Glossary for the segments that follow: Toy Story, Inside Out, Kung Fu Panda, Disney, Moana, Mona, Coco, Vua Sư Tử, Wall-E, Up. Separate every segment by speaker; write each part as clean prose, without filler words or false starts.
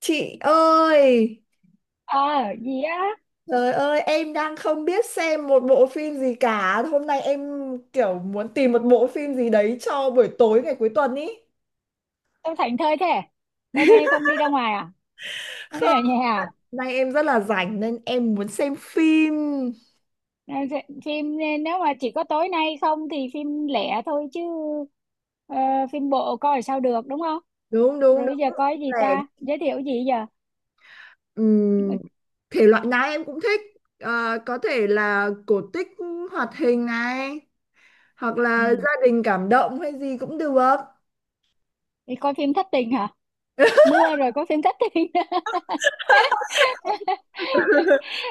Speaker 1: Chị ơi,
Speaker 2: Ờ. Gì á?
Speaker 1: trời ơi, em đang không biết xem một bộ phim gì cả. Hôm nay em kiểu muốn tìm một bộ phim gì đấy cho buổi tối ngày cuối tuần ý.
Speaker 2: Sao thảnh thơi thế? Hôm nay không đi ra ngoài à? Hôm
Speaker 1: Không,
Speaker 2: nay ở nhà à?
Speaker 1: nay em rất là rảnh nên em muốn xem phim.
Speaker 2: Phim nên nếu mà chỉ có tối nay không thì phim lẻ thôi chứ. ờ, Phim bộ coi sao được, đúng không?
Speaker 1: Đúng, đúng,
Speaker 2: Rồi bây giờ
Speaker 1: đúng.
Speaker 2: coi gì
Speaker 1: Để,
Speaker 2: ta, giới thiệu gì giờ?
Speaker 1: ừm,
Speaker 2: Mà-
Speaker 1: thể loại nào em cũng thích. Ờ, có thể là cổ tích, hoạt hình này, hoặc là
Speaker 2: ừ.
Speaker 1: gia đình cảm động hay gì cũng được.
Speaker 2: Đi coi phim thất tình hả? Mưa rồi có phim thất tình.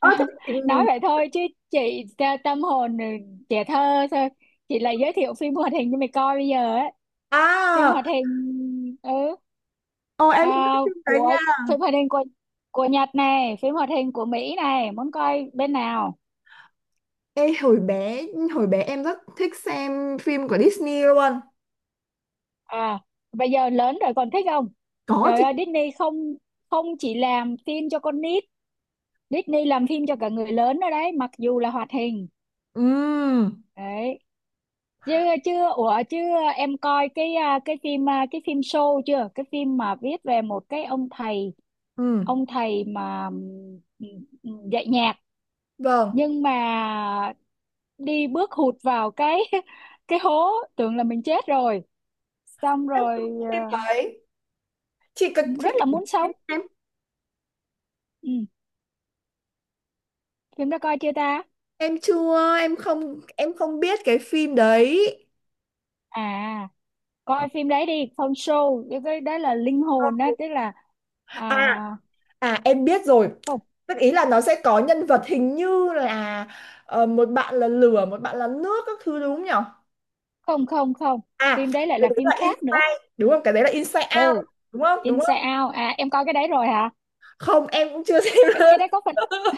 Speaker 1: Ơ, thế
Speaker 2: Nói
Speaker 1: chị-
Speaker 2: vậy thôi chứ, chị tâm hồn trẻ thơ thôi. Chị lại giới thiệu phim hoạt hình cho mày coi bây giờ ấy. Phim
Speaker 1: à,
Speaker 2: hoạt hình. Ừ.
Speaker 1: ồ em cũng
Speaker 2: À,
Speaker 1: thích phim đấy
Speaker 2: của
Speaker 1: nha.
Speaker 2: phim hoạt hình của Nhật này, phim hoạt hình của Mỹ này, muốn coi bên nào?
Speaker 1: Ê, hồi bé em rất thích xem phim của Disney luôn.
Speaker 2: À, bây giờ lớn rồi còn thích không?
Speaker 1: Có
Speaker 2: Trời
Speaker 1: chị.
Speaker 2: ơi, Disney không không chỉ làm phim cho con nít, Disney làm phim cho cả người lớn nữa đấy, mặc dù là hoạt hình.
Speaker 1: Ừm,
Speaker 2: Đấy. Chưa chưa ủa chưa em coi cái phim show chưa? Cái phim mà viết về một cái ông thầy,
Speaker 1: ừm,
Speaker 2: mà dạy nhạc,
Speaker 1: vâng.
Speaker 2: nhưng mà đi bước hụt vào cái hố, tưởng là mình chết rồi, xong
Speaker 1: Em
Speaker 2: rồi
Speaker 1: không biết phim đấy, chị cực
Speaker 2: ờ,
Speaker 1: chị.
Speaker 2: rất là muốn sống.
Speaker 1: em
Speaker 2: Ừ. Phim đó coi chưa ta?
Speaker 1: em chưa, em không biết cái phim đấy.
Speaker 2: À, coi phim đấy đi, Phong show, cái đó là linh hồn đó, tức là à,
Speaker 1: À, à em biết rồi,
Speaker 2: không,
Speaker 1: tức ý là nó sẽ có nhân vật hình như là một bạn là lửa, một bạn là nước các thứ, đúng không nhỉ?
Speaker 2: không, không. Không,
Speaker 1: À,
Speaker 2: phim đấy lại
Speaker 1: cái
Speaker 2: là
Speaker 1: đấy
Speaker 2: phim
Speaker 1: là
Speaker 2: khác nữa.
Speaker 1: Inside đúng không, cái đấy là Inside Out
Speaker 2: Ừ.
Speaker 1: đúng không đúng
Speaker 2: Inside
Speaker 1: không?
Speaker 2: Out à, em coi cái đấy rồi hả?
Speaker 1: Không, em cũng chưa xem
Speaker 2: cái,
Speaker 1: luôn.
Speaker 2: cái đấy có phần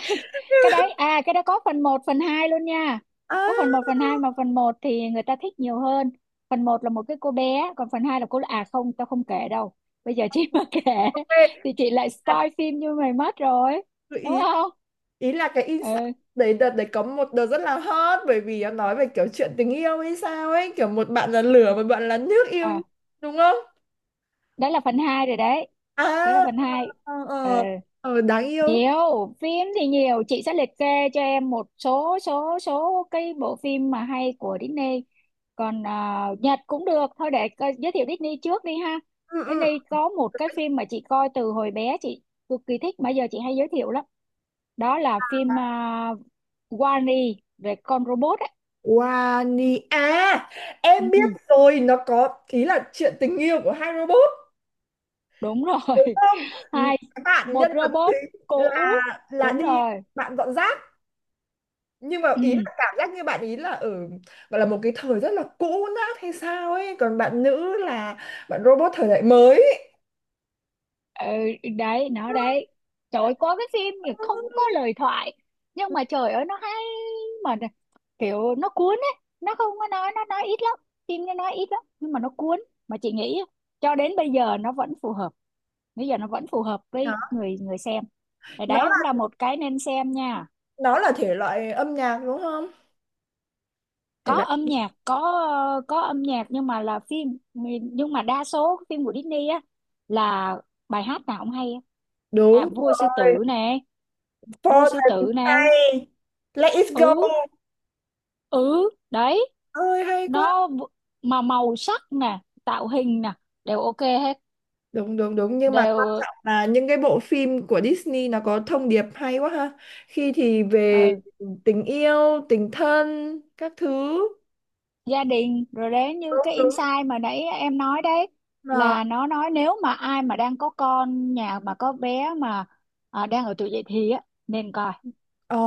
Speaker 2: cái đấy à, cái đấy có phần một phần 2 luôn nha.
Speaker 1: À,
Speaker 2: Có phần một phần hai, mà phần một thì người ta thích nhiều hơn. Phần một là một cái cô bé, còn phần 2 là cô, à không, tao không kể đâu. Bây giờ chị mà kể
Speaker 1: về,
Speaker 2: thì chị lại
Speaker 1: à,
Speaker 2: spoil phim như mày mất rồi, đúng
Speaker 1: ý
Speaker 2: không?
Speaker 1: ý là cái insight
Speaker 2: Ừ.
Speaker 1: đấy. Đợt đấy có một đợt rất là hot bởi vì nó nói về kiểu chuyện tình yêu hay sao ấy, kiểu một bạn là lửa, một bạn là nước yêu nhau,
Speaker 2: À,
Speaker 1: đúng không?
Speaker 2: đó là phần 2 rồi đấy.
Speaker 1: À,
Speaker 2: Đó là phần hai.
Speaker 1: ờ
Speaker 2: Ừ.
Speaker 1: ờ. Ờ, đáng yêu.
Speaker 2: Nhiều phim thì nhiều, chị sẽ liệt kê cho em một số số số cái bộ phim mà hay của Disney. Còn à, Nhật cũng được thôi, để giới thiệu Disney trước đi ha.
Speaker 1: Ừ, ừ.
Speaker 2: Disney có một cái phim mà chị coi từ hồi bé, chị cực kỳ thích mà giờ chị hay giới thiệu lắm. Đó là phim Wall-E, về con robot ấy.
Speaker 1: Wani à,
Speaker 2: Ừ,
Speaker 1: em biết
Speaker 2: ừ,
Speaker 1: rồi, nó có ý là chuyện tình yêu của hai robot,
Speaker 2: đúng rồi.
Speaker 1: đúng không?
Speaker 2: Hai
Speaker 1: Bạn
Speaker 2: một
Speaker 1: nhân vật
Speaker 2: robot
Speaker 1: chính
Speaker 2: cũ.
Speaker 1: là là
Speaker 2: Đúng
Speaker 1: đi,
Speaker 2: rồi.
Speaker 1: bạn dọn rác, nhưng mà ý là
Speaker 2: Ừ.
Speaker 1: cảm giác như bạn ý là ở, gọi là một cái thời rất là cũ nát hay sao ấy, còn bạn nữ là bạn robot thời đại mới.
Speaker 2: Ừ, đấy nó đấy. Trời ơi, có cái phim thì không có lời thoại, nhưng mà trời ơi nó hay. Mà nè, kiểu nó cuốn ấy, nó không có nói, nó nói ít lắm. Phim nó nói ít lắm nhưng mà nó cuốn. Mà chị nghĩ cho đến bây giờ nó vẫn phù hợp, bây giờ nó vẫn phù hợp
Speaker 1: Đó.
Speaker 2: với người người xem. Thì
Speaker 1: nó
Speaker 2: đấy cũng là một cái nên xem nha.
Speaker 1: nó là thể loại âm nhạc đúng không? Thể
Speaker 2: Có
Speaker 1: loại.
Speaker 2: âm nhạc có. Có âm nhạc nhưng mà là phim. Nhưng mà đa số phim của Disney á là bài hát nào cũng hay á. À,
Speaker 1: Đúng
Speaker 2: Vua Sư
Speaker 1: rồi.
Speaker 2: Tử nè, đuôi
Speaker 1: For
Speaker 2: sư
Speaker 1: the
Speaker 2: tử này.
Speaker 1: Sky, let it go,
Speaker 2: Ừ. Ừ đấy.
Speaker 1: ơi hay quá.
Speaker 2: nó v- mà màu sắc nè, tạo hình nè, đều ok hết,
Speaker 1: Đúng đúng đúng, nhưng mà quan
Speaker 2: đều.
Speaker 1: trọng là những cái bộ phim của Disney nó có thông điệp hay quá ha. Khi thì về
Speaker 2: ờ,
Speaker 1: tình yêu, tình thân các thứ.
Speaker 2: Gia đình, rồi đến như
Speaker 1: Đúng
Speaker 2: cái
Speaker 1: đúng.
Speaker 2: insight mà nãy em nói đấy,
Speaker 1: Là
Speaker 2: là nó nói nếu mà ai mà đang có con, nhà mà có bé mà à, đang ở tuổi dậy thì á, nên coi,
Speaker 1: ồ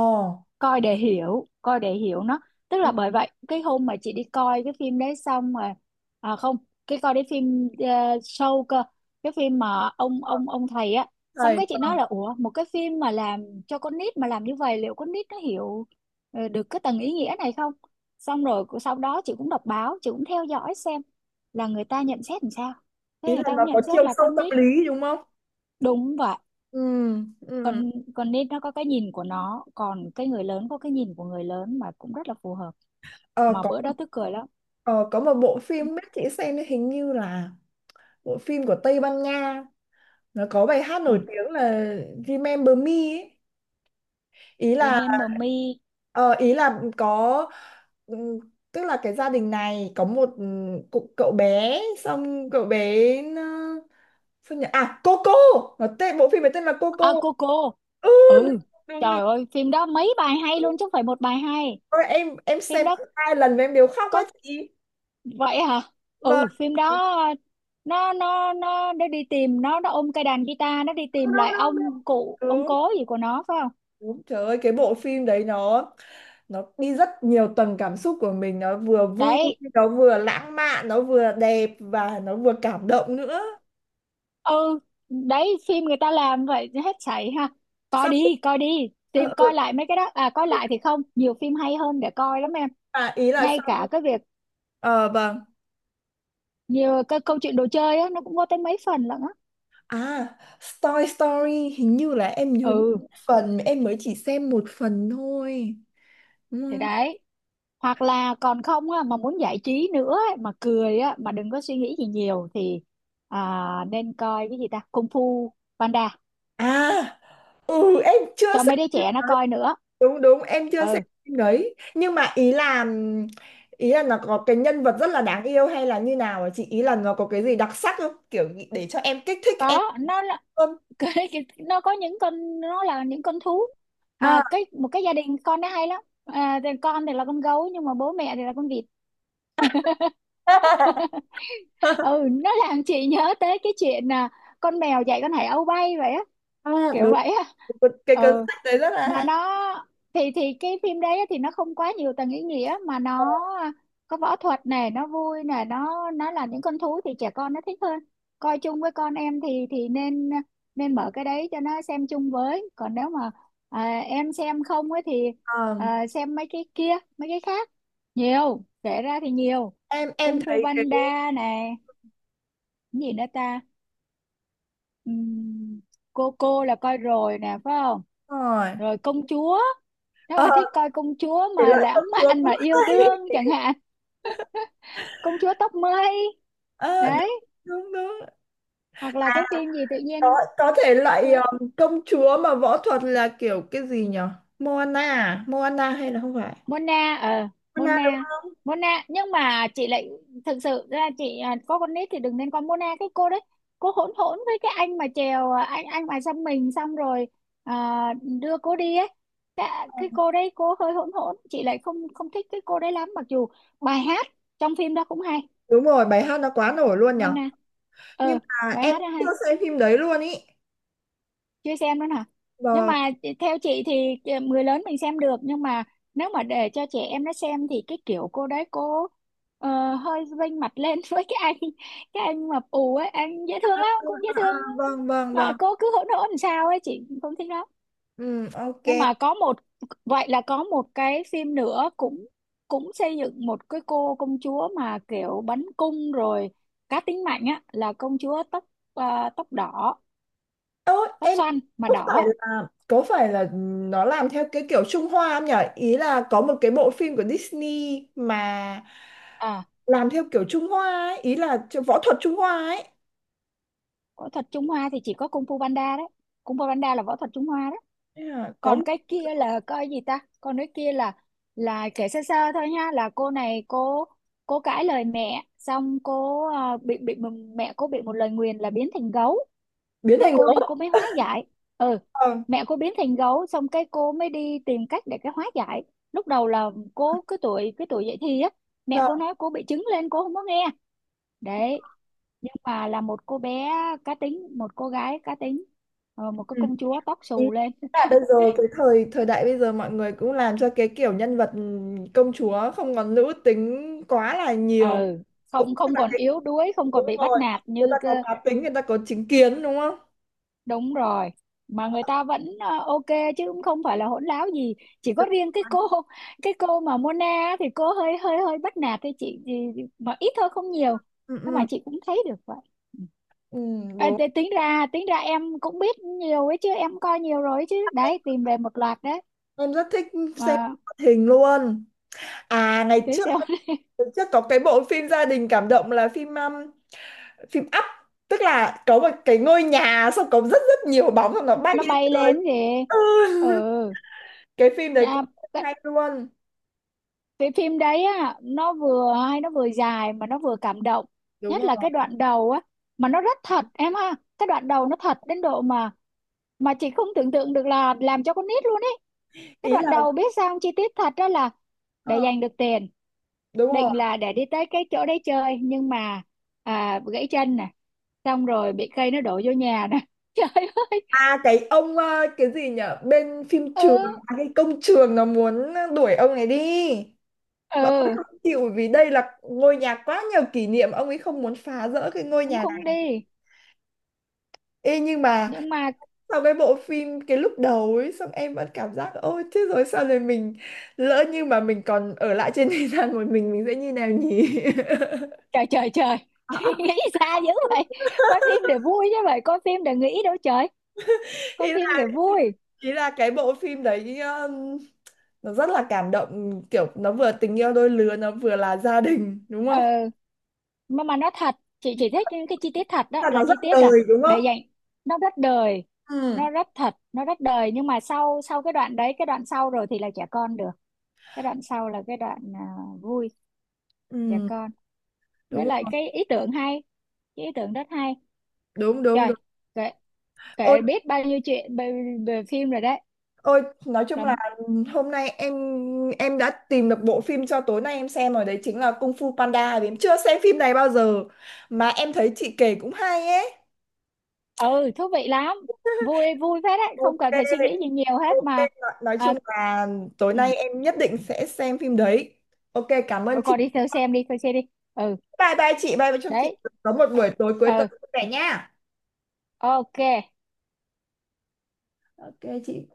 Speaker 2: coi để hiểu nó. Tức là bởi vậy cái hôm mà chị đi coi cái phim đấy xong mà, à không, cái coi cái phim show cơ, cái phim mà ông thầy á. Xong
Speaker 1: thầy,
Speaker 2: cái chị nói là ủa, một cái phim mà làm cho con nít mà làm như vậy liệu con nít nó hiểu được cái tầng ý nghĩa này không. Xong rồi sau đó chị cũng đọc báo, chị cũng theo dõi xem là người ta nhận xét làm sao. Thế
Speaker 1: ý
Speaker 2: người
Speaker 1: là
Speaker 2: ta
Speaker 1: nó
Speaker 2: cũng
Speaker 1: có
Speaker 2: nhận xét
Speaker 1: chiều
Speaker 2: là
Speaker 1: sâu
Speaker 2: con
Speaker 1: tâm
Speaker 2: nít,
Speaker 1: lý đúng không?
Speaker 2: đúng vậy.
Speaker 1: Ừ,
Speaker 2: con
Speaker 1: ừ.
Speaker 2: con nít nó có cái nhìn của nó, còn cái người lớn có cái nhìn của người lớn mà cũng rất là phù hợp.
Speaker 1: Ờ,
Speaker 2: Mà
Speaker 1: có.
Speaker 2: bữa đó tức cười lắm.
Speaker 1: Ờ, có một bộ phim biết chị xem hình như là bộ phim của Tây Ban Nha, nó có bài hát
Speaker 2: Ừ.
Speaker 1: nổi tiếng là Remember Me ấy. Ý là,
Speaker 2: Remember Me.
Speaker 1: ờ, ý là có, ừm, tức là cái gia đình này có một, cụ- cậu bé, xong cậu bé nó, sao nhỉ? À Coco, nó tên bộ phim này tên là Coco.
Speaker 2: À, Coco.
Speaker 1: Ừ,
Speaker 2: Ừ.
Speaker 1: đúng, đúng,
Speaker 2: Trời
Speaker 1: đúng.
Speaker 2: ơi phim đó mấy bài hay luôn chứ không phải một bài hay.
Speaker 1: Ôi, em
Speaker 2: Phim
Speaker 1: xem
Speaker 2: đó
Speaker 1: tận hai lần mà em đều khóc quá
Speaker 2: có.
Speaker 1: chị.
Speaker 2: Vậy hả?
Speaker 1: Vâng.
Speaker 2: Ừ. Phim đó nó đi tìm, nó ôm cây đàn guitar, nó đi
Speaker 1: Đâu
Speaker 2: tìm
Speaker 1: đâu,
Speaker 2: lại
Speaker 1: đâu đâu.
Speaker 2: ông cụ ông
Speaker 1: Đúng.
Speaker 2: cố gì của nó phải không?
Speaker 1: Đúng. Trời ơi, cái bộ phim đấy nó đi rất nhiều tầng cảm xúc của mình, nó vừa vui,
Speaker 2: Đấy.
Speaker 1: nó vừa lãng mạn, nó vừa đẹp, và nó vừa cảm động nữa.
Speaker 2: Ừ. Đấy, phim người ta làm vậy hết sảy ha. Coi
Speaker 1: Xong.
Speaker 2: đi, coi đi,
Speaker 1: Ờ,
Speaker 2: tìm
Speaker 1: ờ,
Speaker 2: coi
Speaker 1: ờ.
Speaker 2: lại mấy cái đó, à coi
Speaker 1: Ừ,
Speaker 2: lại thì không, nhiều phim hay hơn để coi lắm em.
Speaker 1: à, ý là
Speaker 2: Ngay
Speaker 1: xong.
Speaker 2: cả cái việc
Speaker 1: Ờ vâng.
Speaker 2: nhiều cái câu chuyện đồ chơi á, nó cũng có tới mấy phần lận á.
Speaker 1: À, Toy Story hình như là em nhớ,
Speaker 2: Ừ,
Speaker 1: phần em mới chỉ xem một phần thôi.
Speaker 2: thì
Speaker 1: Ừ.
Speaker 2: đấy. Hoặc là còn không á mà muốn giải trí nữa ấy, mà cười á mà đừng có suy nghĩ gì nhiều thì à, nên coi cái gì ta, Kung Fu Panda,
Speaker 1: À ừ, em chưa
Speaker 2: cho mấy đứa
Speaker 1: xem.
Speaker 2: trẻ nó coi nữa.
Speaker 1: Đúng đúng, em chưa xem
Speaker 2: Ừ,
Speaker 1: phim đấy, nhưng mà ý là, ý là nó có cái nhân vật rất là đáng yêu, hay là như nào ạ chị, ý là nó có cái gì đặc sắc không, kiểu nghĩ- để cho em, kích thích em
Speaker 2: có, nó là
Speaker 1: hơn.
Speaker 2: nó có những con, nó là những con thú mà,
Speaker 1: À,
Speaker 2: cái một cái gia đình con nó hay lắm à, thì con thì là con gấu nhưng mà bố mẹ thì là con vịt. Ừ, nó làm chị nhớ tới cái chuyện à, con mèo dạy con hải âu bay vậy á,
Speaker 1: à,
Speaker 2: kiểu
Speaker 1: đúng
Speaker 2: vậy á.
Speaker 1: cái cuốn
Speaker 2: Ừ,
Speaker 1: sách đấy rất là
Speaker 2: mà
Speaker 1: hay.
Speaker 2: nó thì cái phim đấy á, thì nó không quá nhiều tầng ý nghĩa mà nó à, có võ thuật này, nó vui này, nó là những con thú thì trẻ con nó thích hơn. Coi chung với con em thì nên nên mở cái đấy cho nó xem chung với, còn nếu mà à, em xem không ấy thì
Speaker 1: Ờ,
Speaker 2: à, xem mấy cái kia, mấy cái khác. Nhiều kể ra thì nhiều.
Speaker 1: em
Speaker 2: Kung Fu
Speaker 1: thấy cái
Speaker 2: Panda này, cái gì nữa ta? Ừm, cô là coi rồi nè phải không?
Speaker 1: rồi.
Speaker 2: Rồi công chúa, nếu
Speaker 1: Ờ,
Speaker 2: mà thích coi công chúa
Speaker 1: thể
Speaker 2: mà
Speaker 1: loại công
Speaker 2: lãng
Speaker 1: chúa
Speaker 2: mạn mà
Speaker 1: cũng
Speaker 2: yêu
Speaker 1: hay.
Speaker 2: đương chẳng hạn. Công chúa tóc mây
Speaker 1: Ờ, đúng
Speaker 2: đấy.
Speaker 1: đúng đúng.
Speaker 2: Hoặc là cái phim gì tự
Speaker 1: có
Speaker 2: nhiên
Speaker 1: có thể loại
Speaker 2: quên,
Speaker 1: công chúa mà võ thuật là kiểu cái gì nhở? Moana à? Moana hay là không phải?
Speaker 2: Mona,
Speaker 1: Moana
Speaker 2: Mona.
Speaker 1: đúng.
Speaker 2: Mona, nhưng mà chị lại, thực sự ra chị à, có con nít thì đừng nên con Mona, cái cô đấy. Cô hỗn hỗn với cái anh mà chèo, à anh mà xăm mình xong rồi à, đưa cô đi ấy. Cái cô đấy cô hơi hỗn hỗn, chị lại không không thích cái cô đấy lắm, mặc dù bài hát trong phim đó cũng hay.
Speaker 1: Đúng rồi, bài hát nó quá nổi luôn nhở.
Speaker 2: Mona.
Speaker 1: Nhưng
Speaker 2: ờ
Speaker 1: mà
Speaker 2: Bài
Speaker 1: em
Speaker 2: hát đó
Speaker 1: chưa
Speaker 2: hay.
Speaker 1: xem phim đấy luôn ý.
Speaker 2: Chưa xem nữa hả? Nhưng
Speaker 1: Vâng,
Speaker 2: mà theo chị thì người lớn mình xem được, nhưng mà nếu mà để cho trẻ em nó xem thì cái kiểu cô đấy cô hơi vênh mặt lên với cái anh mập ù ấy, anh dễ thương lắm,
Speaker 1: à,
Speaker 2: cũng dễ
Speaker 1: à,
Speaker 2: thương.
Speaker 1: vâng, vâng,
Speaker 2: Mà
Speaker 1: vâng.
Speaker 2: cô cứ hỗn hỗn làm sao ấy, chị không thích lắm.
Speaker 1: Ừ, ok.
Speaker 2: Nhưng mà có một vậy là có một cái phim nữa cũng cũng xây dựng một cái cô công chúa mà kiểu bắn cung rồi, cá tính mạnh á, là công chúa tóc tóc đỏ,
Speaker 1: Ơ,
Speaker 2: tóc
Speaker 1: em
Speaker 2: xoăn mà
Speaker 1: có
Speaker 2: đỏ
Speaker 1: phải
Speaker 2: á.
Speaker 1: là có phải là nó làm theo cái kiểu Trung Hoa không nhỉ? Ý là có một cái bộ phim của Disney mà
Speaker 2: À,
Speaker 1: làm theo kiểu Trung Hoa ấy, ý là võ thuật Trung Hoa ấy.
Speaker 2: võ thuật Trung Hoa thì chỉ có Kung Fu Panda đấy. Kung Fu Panda là võ thuật Trung Hoa đấy.
Speaker 1: Thế là có
Speaker 2: Còn
Speaker 1: một,
Speaker 2: cái kia là coi gì ta, còn cái kia là kể sơ sơ thôi nha, là cô này cô cãi lời mẹ xong cô à, bị mẹ cô bị một lời nguyền là biến thành gấu.
Speaker 1: biến
Speaker 2: Thế
Speaker 1: thành
Speaker 2: cô đi
Speaker 1: gấu.
Speaker 2: cô mới hóa giải. Ừ.
Speaker 1: Vâng,
Speaker 2: Mẹ cô biến thành gấu xong cái cô mới đi tìm cách để cái hóa giải. Lúc đầu là cô cái tuổi dậy thì á, mẹ
Speaker 1: vâng.
Speaker 2: cô nói cô bị trứng lên cô không có nghe. Đấy, nhưng mà là một cô bé cá tính, một cô gái cá tính, một cái
Speaker 1: Ừ.
Speaker 2: công chúa tóc
Speaker 1: Ừ,
Speaker 2: xù lên.
Speaker 1: là bây giờ cái thời thời đại bây giờ mọi người cũng làm cho cái kiểu nhân vật công chúa không còn nữ tính quá là nhiều,
Speaker 2: Ừ,
Speaker 1: cũng
Speaker 2: không
Speaker 1: tức
Speaker 2: không
Speaker 1: là
Speaker 2: còn
Speaker 1: cái
Speaker 2: yếu đuối, không còn
Speaker 1: đúng
Speaker 2: bị bắt
Speaker 1: rồi,
Speaker 2: nạt
Speaker 1: người
Speaker 2: như
Speaker 1: ta có
Speaker 2: cơ.
Speaker 1: cá tính, người ta có chính kiến đúng không?
Speaker 2: Đúng rồi, mà người ta vẫn ok, chứ cũng không phải là hỗn láo gì. Chỉ có
Speaker 1: Đúng
Speaker 2: riêng
Speaker 1: rồi.
Speaker 2: cái cô mà Mona á, thì cô hơi hơi hơi bắt nạt thì chị thì, mà ít thôi không nhiều,
Speaker 1: Ừ,
Speaker 2: nhưng mà
Speaker 1: ừ,
Speaker 2: chị cũng thấy được vậy. Ừ.
Speaker 1: ừ, đúng,
Speaker 2: Thế tính ra em cũng biết nhiều ấy chứ, em coi nhiều rồi ấy chứ,
Speaker 1: em
Speaker 2: đấy tìm về một loạt đấy.
Speaker 1: rất thích xem
Speaker 2: Mà
Speaker 1: hoạt hình luôn. À ngày
Speaker 2: thế
Speaker 1: trước,
Speaker 2: sao?
Speaker 1: ngày trước có cái bộ phim gia đình cảm động là phim, phim Up, tức là có một cái ngôi nhà, xong có rất rất nhiều bóng xong nó bay
Speaker 2: Nó
Speaker 1: lên
Speaker 2: bay lên
Speaker 1: trời.
Speaker 2: kìa.
Speaker 1: Ừ.
Speaker 2: Ừ.
Speaker 1: Cái phim đấy cũng
Speaker 2: À, cái,
Speaker 1: hay luôn.
Speaker 2: cái phim đấy á nó vừa hay, nó vừa dài mà nó vừa cảm động.
Speaker 1: Đúng
Speaker 2: Nhất
Speaker 1: rồi,
Speaker 2: là cái đoạn đầu á. Mà nó rất thật em ha, cái đoạn đầu nó thật đến độ mà chị không tưởng tượng được là làm cho con nít luôn ấy. Cái
Speaker 1: ý
Speaker 2: đoạn
Speaker 1: là,
Speaker 2: đầu biết sao không? Chi tiết thật đó là để
Speaker 1: ờ,
Speaker 2: giành được tiền,
Speaker 1: đúng rồi.
Speaker 2: định là để đi tới cái chỗ đấy chơi nhưng mà à, gãy chân nè, xong rồi bị cây nó đổ vô nhà nè trời ơi.
Speaker 1: À cái ông, ờ, cái gì nhở bên phim
Speaker 2: Ừ,
Speaker 1: trường? À, cái công trường nó muốn đuổi ông này đi và ông ấy
Speaker 2: ừ,
Speaker 1: không chịu vì đây là ngôi nhà quá nhiều kỷ niệm, ông ấy không muốn phá rỡ cái ngôi
Speaker 2: cũng
Speaker 1: nhà
Speaker 2: không
Speaker 1: này.
Speaker 2: đi.
Speaker 1: Ê, nhưng mà
Speaker 2: Nhưng mà
Speaker 1: sau cái bộ phim cái lúc đầu ấy, xong em vẫn cảm giác ôi thế rồi sao rồi mình, lỡ như mà mình còn ở lại trên thế gian một mình sẽ như nào nhỉ?
Speaker 2: trời trời trời. Nghĩ xa dữ vậy, coi phim để vui chứ, vậy coi phim để nghĩ đâu trời, coi
Speaker 1: Ý
Speaker 2: phim để vui.
Speaker 1: ý là cái bộ phim đấy nó rất là cảm động, kiểu nó vừa tình yêu đôi lứa, nó vừa là gia đình đúng không?
Speaker 2: Ờ mà mà nó thật, chị chỉ thích những cái chi tiết thật đó
Speaker 1: Là
Speaker 2: là
Speaker 1: nó
Speaker 2: chi
Speaker 1: rất
Speaker 2: tiết,
Speaker 1: đời
Speaker 2: là
Speaker 1: đúng
Speaker 2: để
Speaker 1: không?
Speaker 2: dành. Nó rất đời,
Speaker 1: Ừ,
Speaker 2: nó rất thật, nó rất đời, nhưng mà sau sau cái đoạn đấy, cái đoạn sau rồi thì là trẻ con được. Cái đoạn sau là cái đoạn à, vui, trẻ
Speaker 1: ừ,
Speaker 2: con, với
Speaker 1: đúng
Speaker 2: lại
Speaker 1: không?
Speaker 2: cái ý tưởng hay, cái ý tưởng rất hay.
Speaker 1: Đúng đúng
Speaker 2: Trời,
Speaker 1: đúng.
Speaker 2: kể
Speaker 1: Ôi,
Speaker 2: kể biết bao nhiêu chuyện về phim rồi đấy.
Speaker 1: ôi nói chung
Speaker 2: Là.
Speaker 1: là hôm nay em đã tìm được bộ phim cho tối nay em xem rồi đấy, chính là Kung Fu Panda vì em chưa xem phim này bao giờ, mà em thấy chị kể cũng hay ấy.
Speaker 2: Ừ, thú vị lắm, vui vui phết đấy, không
Speaker 1: Ok,
Speaker 2: cần phải suy nghĩ gì nhiều hết
Speaker 1: ok,
Speaker 2: mà.
Speaker 1: nói
Speaker 2: À,
Speaker 1: chung là tối
Speaker 2: ừ.
Speaker 1: nay em nhất định sẽ xem phim đấy. Ok, cảm ơn
Speaker 2: Ừ, còn
Speaker 1: chị.
Speaker 2: đi theo xem đi theo xem đi. Ừ,
Speaker 1: Bye bye chị, bye bye, chúc chị
Speaker 2: đấy,
Speaker 1: có một buổi tối cuối
Speaker 2: ừ,
Speaker 1: tuần vui vẻ nha.
Speaker 2: ok.
Speaker 1: Ok chị.